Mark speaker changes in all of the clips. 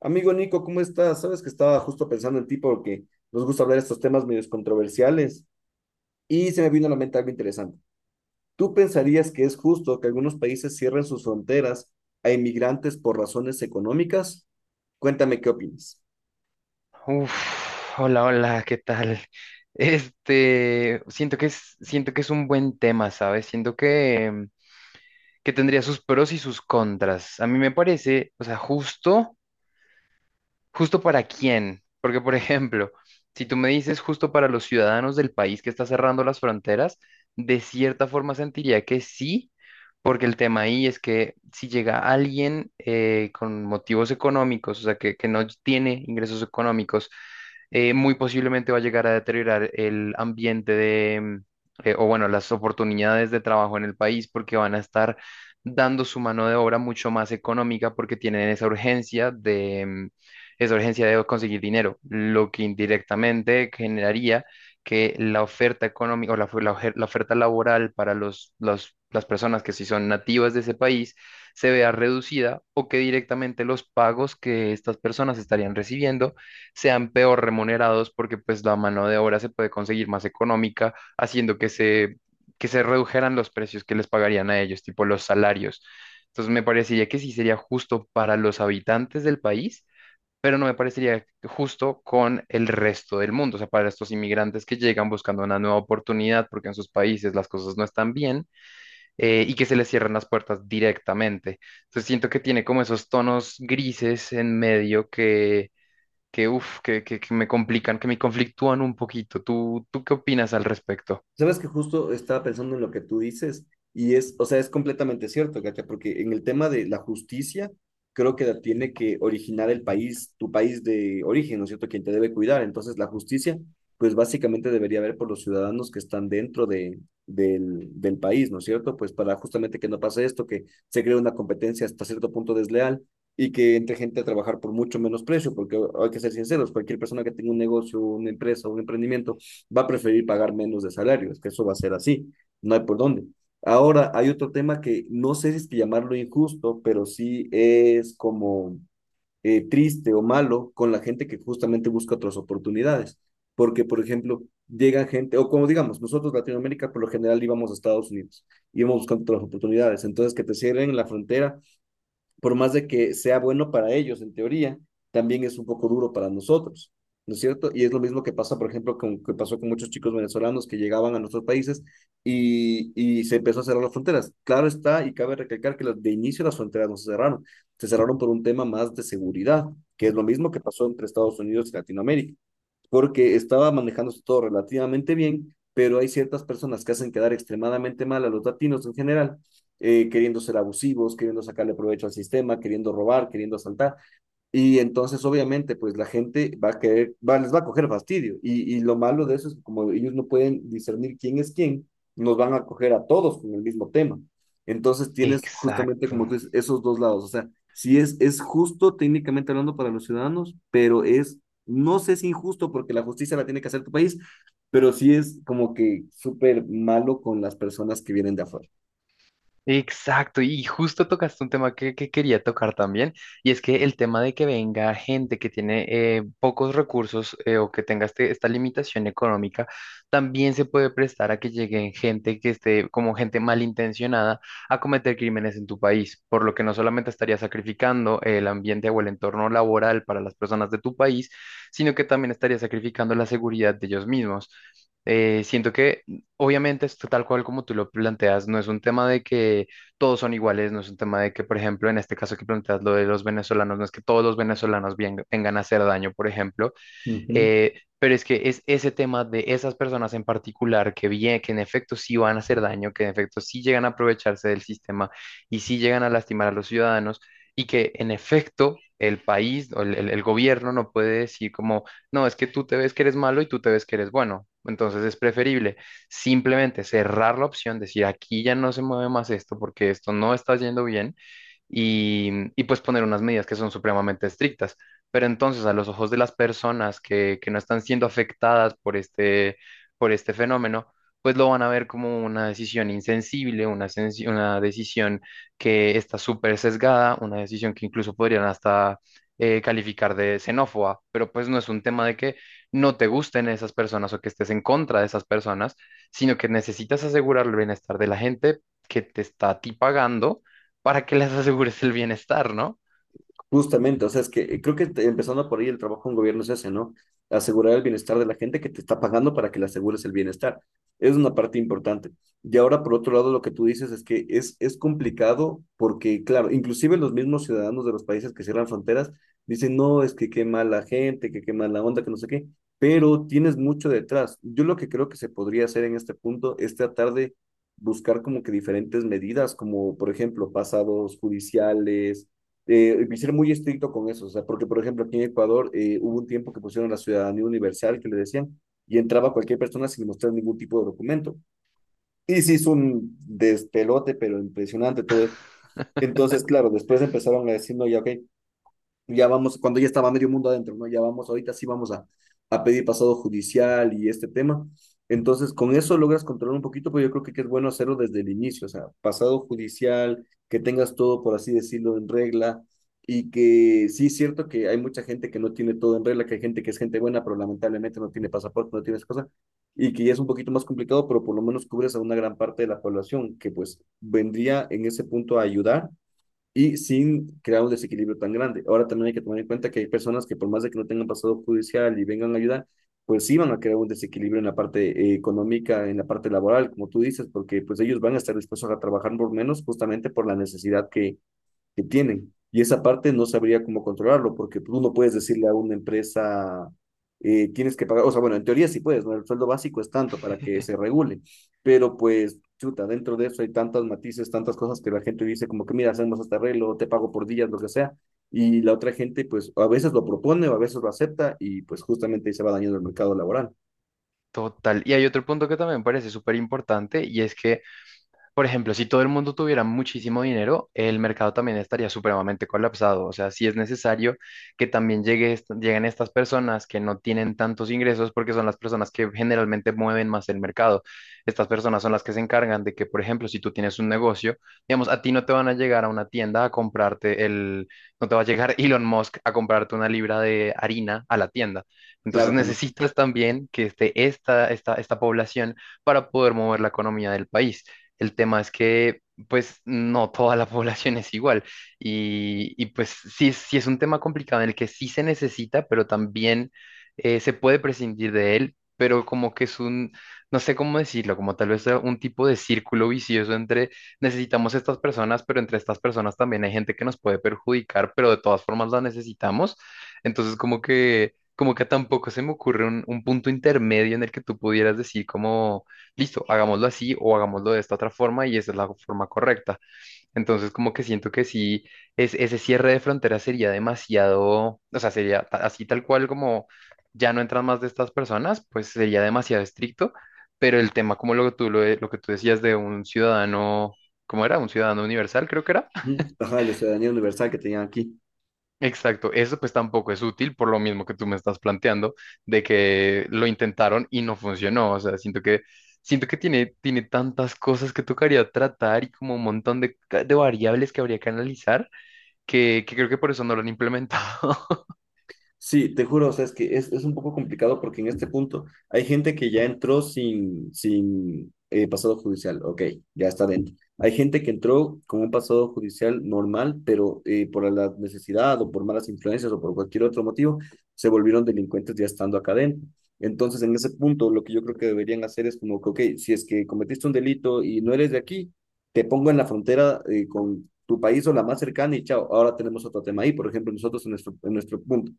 Speaker 1: Amigo Nico, ¿cómo estás? Sabes que estaba justo pensando en ti porque nos gusta hablar de estos temas medio controversiales y se me vino a la mente algo interesante. ¿Tú pensarías que es justo que algunos países cierren sus fronteras a inmigrantes por razones económicas? Cuéntame qué opinas.
Speaker 2: Hola, hola, ¿qué tal? Siento que es un buen tema, ¿sabes? Siento que tendría sus pros y sus contras. A mí me parece, o sea, justo para quién. Porque, por ejemplo, si tú me dices justo para los ciudadanos del país que está cerrando las fronteras, de cierta forma sentiría que sí, porque el tema ahí es que si llega alguien con motivos económicos, o sea, que no tiene ingresos económicos, muy posiblemente va a llegar a deteriorar el ambiente de, o bueno, las oportunidades de trabajo en el país porque van a estar dando su mano de obra mucho más económica porque tienen esa urgencia de, esa urgencia de conseguir dinero, lo que indirectamente generaría que la oferta económica o la oferta laboral para las personas que sí son nativas de ese país se vea reducida o que directamente los pagos que estas personas estarían recibiendo sean peor remunerados porque pues la mano de obra se puede conseguir más económica, haciendo que se redujeran los precios que les pagarían a ellos, tipo los salarios. Entonces me parecería que sí sería justo para los habitantes del país, pero no me parecería justo con el resto del mundo, o sea, para estos inmigrantes que llegan buscando una nueva oportunidad porque en sus países las cosas no están bien y que se les cierran las puertas directamente. Entonces siento que tiene como esos tonos grises en medio que me complican, que me conflictúan un poquito. ¿Tú qué opinas al respecto?
Speaker 1: Sabes que justo estaba pensando en lo que tú dices y es, o sea, es completamente cierto, Katia, porque en el tema de la justicia, creo que la tiene que originar el país, tu país de origen, ¿no es cierto?, quien te debe cuidar. Entonces, la justicia, pues básicamente debería haber por los ciudadanos que están dentro del país, ¿no es cierto?, pues para justamente que no pase esto, que se cree una competencia hasta cierto punto desleal y que entre gente a trabajar por mucho menos precio, porque hay que ser sinceros, cualquier persona que tenga un negocio, una empresa, un emprendimiento, va a preferir pagar menos de salario, es que eso va a ser así, no hay por dónde. Ahora, hay otro tema que no sé si es que llamarlo injusto, pero sí es como triste o malo con la gente que justamente busca otras oportunidades. Porque, por ejemplo, llega gente, o como digamos, nosotros Latinoamérica por lo general íbamos a Estados Unidos, íbamos buscando otras oportunidades. Entonces, que te cierren la frontera por más de que sea bueno para ellos en teoría, también es un poco duro para nosotros, ¿no es cierto? Y es lo mismo que pasa, por ejemplo, que pasó con muchos chicos venezolanos que llegaban a nuestros países y se empezó a cerrar las fronteras. Claro está, y cabe recalcar que de inicio las fronteras no se cerraron, se cerraron por un tema más de seguridad, que es lo mismo que pasó entre Estados Unidos y Latinoamérica porque estaba manejándose todo relativamente bien, pero hay ciertas personas que hacen quedar extremadamente mal a los latinos en general, queriendo ser abusivos, queriendo sacarle provecho al sistema, queriendo robar, queriendo asaltar, y entonces, obviamente, pues la gente va a querer, les va a coger fastidio. Y lo malo de eso es que como ellos no pueden discernir quién es quién, nos van a coger a todos con el mismo tema. Entonces tienes justamente,
Speaker 2: Exacto.
Speaker 1: como tú dices, esos dos lados. O sea, sí es justo técnicamente hablando para los ciudadanos, pero no sé si injusto porque la justicia la tiene que hacer tu país, pero sí es como que súper malo con las personas que vienen de afuera.
Speaker 2: Exacto, y justo tocaste un tema que quería tocar también, y es que el tema de que venga gente que tiene pocos recursos o que tenga esta limitación económica, también se puede prestar a que lleguen gente que esté como gente malintencionada a cometer crímenes en tu país, por lo que no solamente estaría sacrificando el ambiente o el entorno laboral para las personas de tu país, sino que también estaría sacrificando la seguridad de ellos mismos. Siento que obviamente es tal cual como tú lo planteas, no es un tema de que todos son iguales, no es un tema de que, por ejemplo, en este caso que planteas lo de los venezolanos, no es que todos los venezolanos vengan a hacer daño, por ejemplo,
Speaker 1: Ujú.
Speaker 2: pero es que es ese tema de esas personas en particular que bien, que en efecto sí van a hacer daño, que en efecto sí llegan a aprovecharse del sistema y sí llegan a lastimar a los ciudadanos y que en efecto el país o el gobierno no puede decir como, no, es que tú te ves que eres malo y tú te ves que eres bueno. Entonces es preferible simplemente cerrar la opción, decir, aquí ya no se mueve más esto porque esto no está yendo bien y, y, pues poner unas medidas que son supremamente estrictas. Pero entonces a los ojos de las personas que no están siendo afectadas por por este fenómeno, pues lo van a ver como una decisión insensible, una decisión que está súper sesgada, una decisión que incluso podrían hasta calificar de xenófoba, pero pues no es un tema de que no te gusten esas personas o que estés en contra de esas personas, sino que necesitas asegurar el bienestar de la gente que te está a ti pagando para que les asegures el bienestar, ¿no?
Speaker 1: Justamente, o sea, es que creo que empezando por ahí el trabajo de un gobierno es ese, ¿no? Asegurar el bienestar de la gente que te está pagando para que le asegures el bienestar. Es una parte importante. Y ahora, por otro lado, lo que tú dices es que es complicado porque, claro, inclusive los mismos ciudadanos de los países que cierran fronteras dicen, no, es que qué mala gente, que qué mala onda, que no sé qué, pero tienes mucho detrás. Yo lo que creo que se podría hacer en este punto es tratar de buscar como que diferentes medidas, como por ejemplo, pasados judiciales ser muy estricto con eso, o sea, porque por ejemplo aquí en Ecuador hubo un tiempo que pusieron la ciudadanía universal que le decían y entraba cualquier persona sin mostrar ningún tipo de documento. Y sí es un despelote, pero impresionante todo esto. Entonces, claro, después empezaron a decir, no, ya, ok, ya vamos, cuando ya estaba medio mundo adentro, ¿no? Ya vamos, ahorita sí vamos a pedir pasado judicial y este tema. Entonces, con eso logras controlar un poquito, pero yo creo que es bueno hacerlo desde el inicio, o sea, pasado judicial, que tengas todo, por así decirlo, en regla, y que sí es cierto que hay mucha gente que no tiene todo en regla, que hay gente que es gente buena, pero lamentablemente no tiene pasaporte, no tiene esa cosa, y que ya es un poquito más complicado, pero por lo menos cubres a una gran parte de la población, que pues vendría en ese punto a ayudar y sin crear un desequilibrio tan grande. Ahora también hay que tomar en cuenta que hay personas que por más de que no tengan pasado judicial y vengan a ayudar, pues sí van a crear un desequilibrio en la parte económica, en la parte laboral, como tú dices, porque pues ellos van a estar dispuestos a trabajar por menos justamente por la necesidad que tienen. Y esa parte no sabría cómo controlarlo, porque tú no puedes decirle a una empresa, tienes que pagar, o sea, bueno, en teoría sí puedes, ¿no? El sueldo básico es tanto para que se regule, pero pues, chuta, dentro de eso hay tantos matices, tantas cosas que la gente dice como que, mira, hacemos este arreglo, te pago por días, lo que sea, y la otra gente pues a veces lo propone o a veces lo acepta y pues justamente ahí se va dañando el mercado laboral.
Speaker 2: Total. Y hay otro punto que también me parece súper importante y es que, por ejemplo, si todo el mundo tuviera muchísimo dinero, el mercado también estaría supremamente colapsado. O sea, sí es necesario que también lleguen estas personas que no tienen tantos ingresos porque son las personas que generalmente mueven más el mercado. Estas personas son las que se encargan de que, por ejemplo, si tú tienes un negocio, digamos, a ti no te van a llegar a una tienda a comprarte no te va a llegar Elon Musk a comprarte una libra de harina a la tienda. Entonces
Speaker 1: Claro, jamás.
Speaker 2: necesitas también que esté esta población para poder mover la economía del país. El tema es que, pues, no toda la población es igual. Y, pues, sí, sí es un tema complicado en el que sí se necesita, pero también se puede prescindir de él, pero como que es un, no sé cómo decirlo, como tal vez sea un tipo de círculo vicioso entre necesitamos estas personas, pero entre estas personas también hay gente que nos puede perjudicar, pero de todas formas la necesitamos. Entonces, como que tampoco se me ocurre un punto intermedio en el que tú pudieras decir como listo, hagámoslo así o hagámoslo de esta otra forma y esa es la forma correcta. Entonces, como que siento que sí, es, ese cierre de fronteras sería demasiado, o sea, así tal cual como ya no entran más de estas personas, pues sería demasiado estricto, pero el tema como lo que tú, lo que tú decías de un ciudadano, ¿cómo era? Un ciudadano universal, creo que era.
Speaker 1: Ujú. Ajá, la ciudadanía universal que tenían aquí.
Speaker 2: Exacto, eso pues tampoco es útil por lo mismo que tú me estás planteando, de que lo intentaron y no funcionó, o sea, siento que tiene, tiene tantas cosas que tocaría tratar y como un montón de, de variables que habría que analizar, que creo que por eso no lo han implementado.
Speaker 1: Sí, te juro, o sea, es que es un poco complicado porque en este punto hay gente que ya entró sin pasado judicial, ok, ya está dentro. Hay gente que entró con un pasado judicial normal, pero por la necesidad o por malas influencias o por cualquier otro motivo, se volvieron delincuentes ya estando acá dentro. Entonces, en ese punto, lo que yo creo que deberían hacer es como que, ok, si es que cometiste un delito y no eres de aquí, te pongo en la frontera con tu país o la más cercana y chao, ahora tenemos otro tema ahí, por ejemplo, nosotros en nuestro punto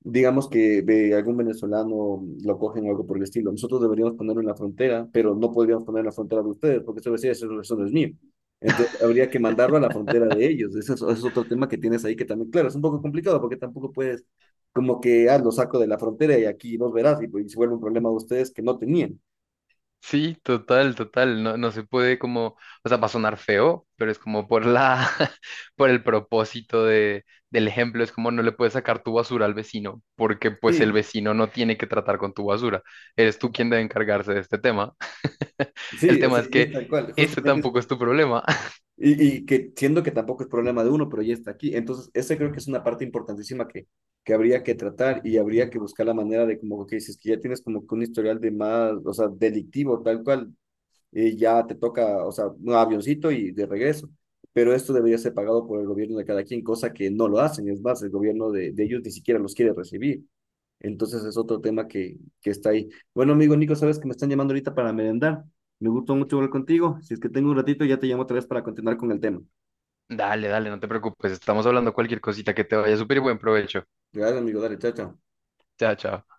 Speaker 1: digamos que de algún venezolano lo cogen o algo por el estilo. Nosotros deberíamos ponerlo en la frontera, pero no podríamos poner en la frontera de ustedes, porque eso decía, eso no es mío. Entonces habría que mandarlo a la frontera de ellos. Ese es otro tema que tienes ahí que también, claro, es un poco complicado porque tampoco puedes como que, ah, lo saco de la frontera y aquí los verás y, pues, se vuelve un problema de ustedes que no tenían.
Speaker 2: Sí, total, total. No, no se puede como, o sea, va a sonar feo, pero es como por la, por el propósito de, del ejemplo, es como no le puedes sacar tu basura al vecino, porque pues el
Speaker 1: Sí,
Speaker 2: vecino no tiene que tratar con tu basura. Eres tú quien debe encargarse de este tema. El
Speaker 1: sí, o
Speaker 2: tema
Speaker 1: sea,
Speaker 2: es
Speaker 1: y es
Speaker 2: que
Speaker 1: tal cual.
Speaker 2: ese
Speaker 1: Justamente
Speaker 2: tampoco es tu problema.
Speaker 1: y que siendo que tampoco es problema de uno, pero ya está aquí. Entonces, esa creo que es una parte importantísima que habría que tratar y habría que buscar la manera de como que dices que ya tienes como que un historial de más, o sea, delictivo, tal cual, ya te toca, o sea, un avioncito y de regreso. Pero esto debería ser pagado por el gobierno de cada quien, cosa que no lo hacen. Es más, el gobierno de ellos ni siquiera los quiere recibir. Entonces, es otro tema que está ahí. Bueno, amigo Nico, sabes que me están llamando ahorita para merendar. Me gustó mucho hablar contigo. Si es que tengo un ratito, ya te llamo otra vez para continuar con el tema.
Speaker 2: Dale, dale, no te preocupes. Estamos hablando cualquier cosita que te vaya súper buen provecho.
Speaker 1: Gracias, amigo. Dale, chao, chao.
Speaker 2: Chao, chao.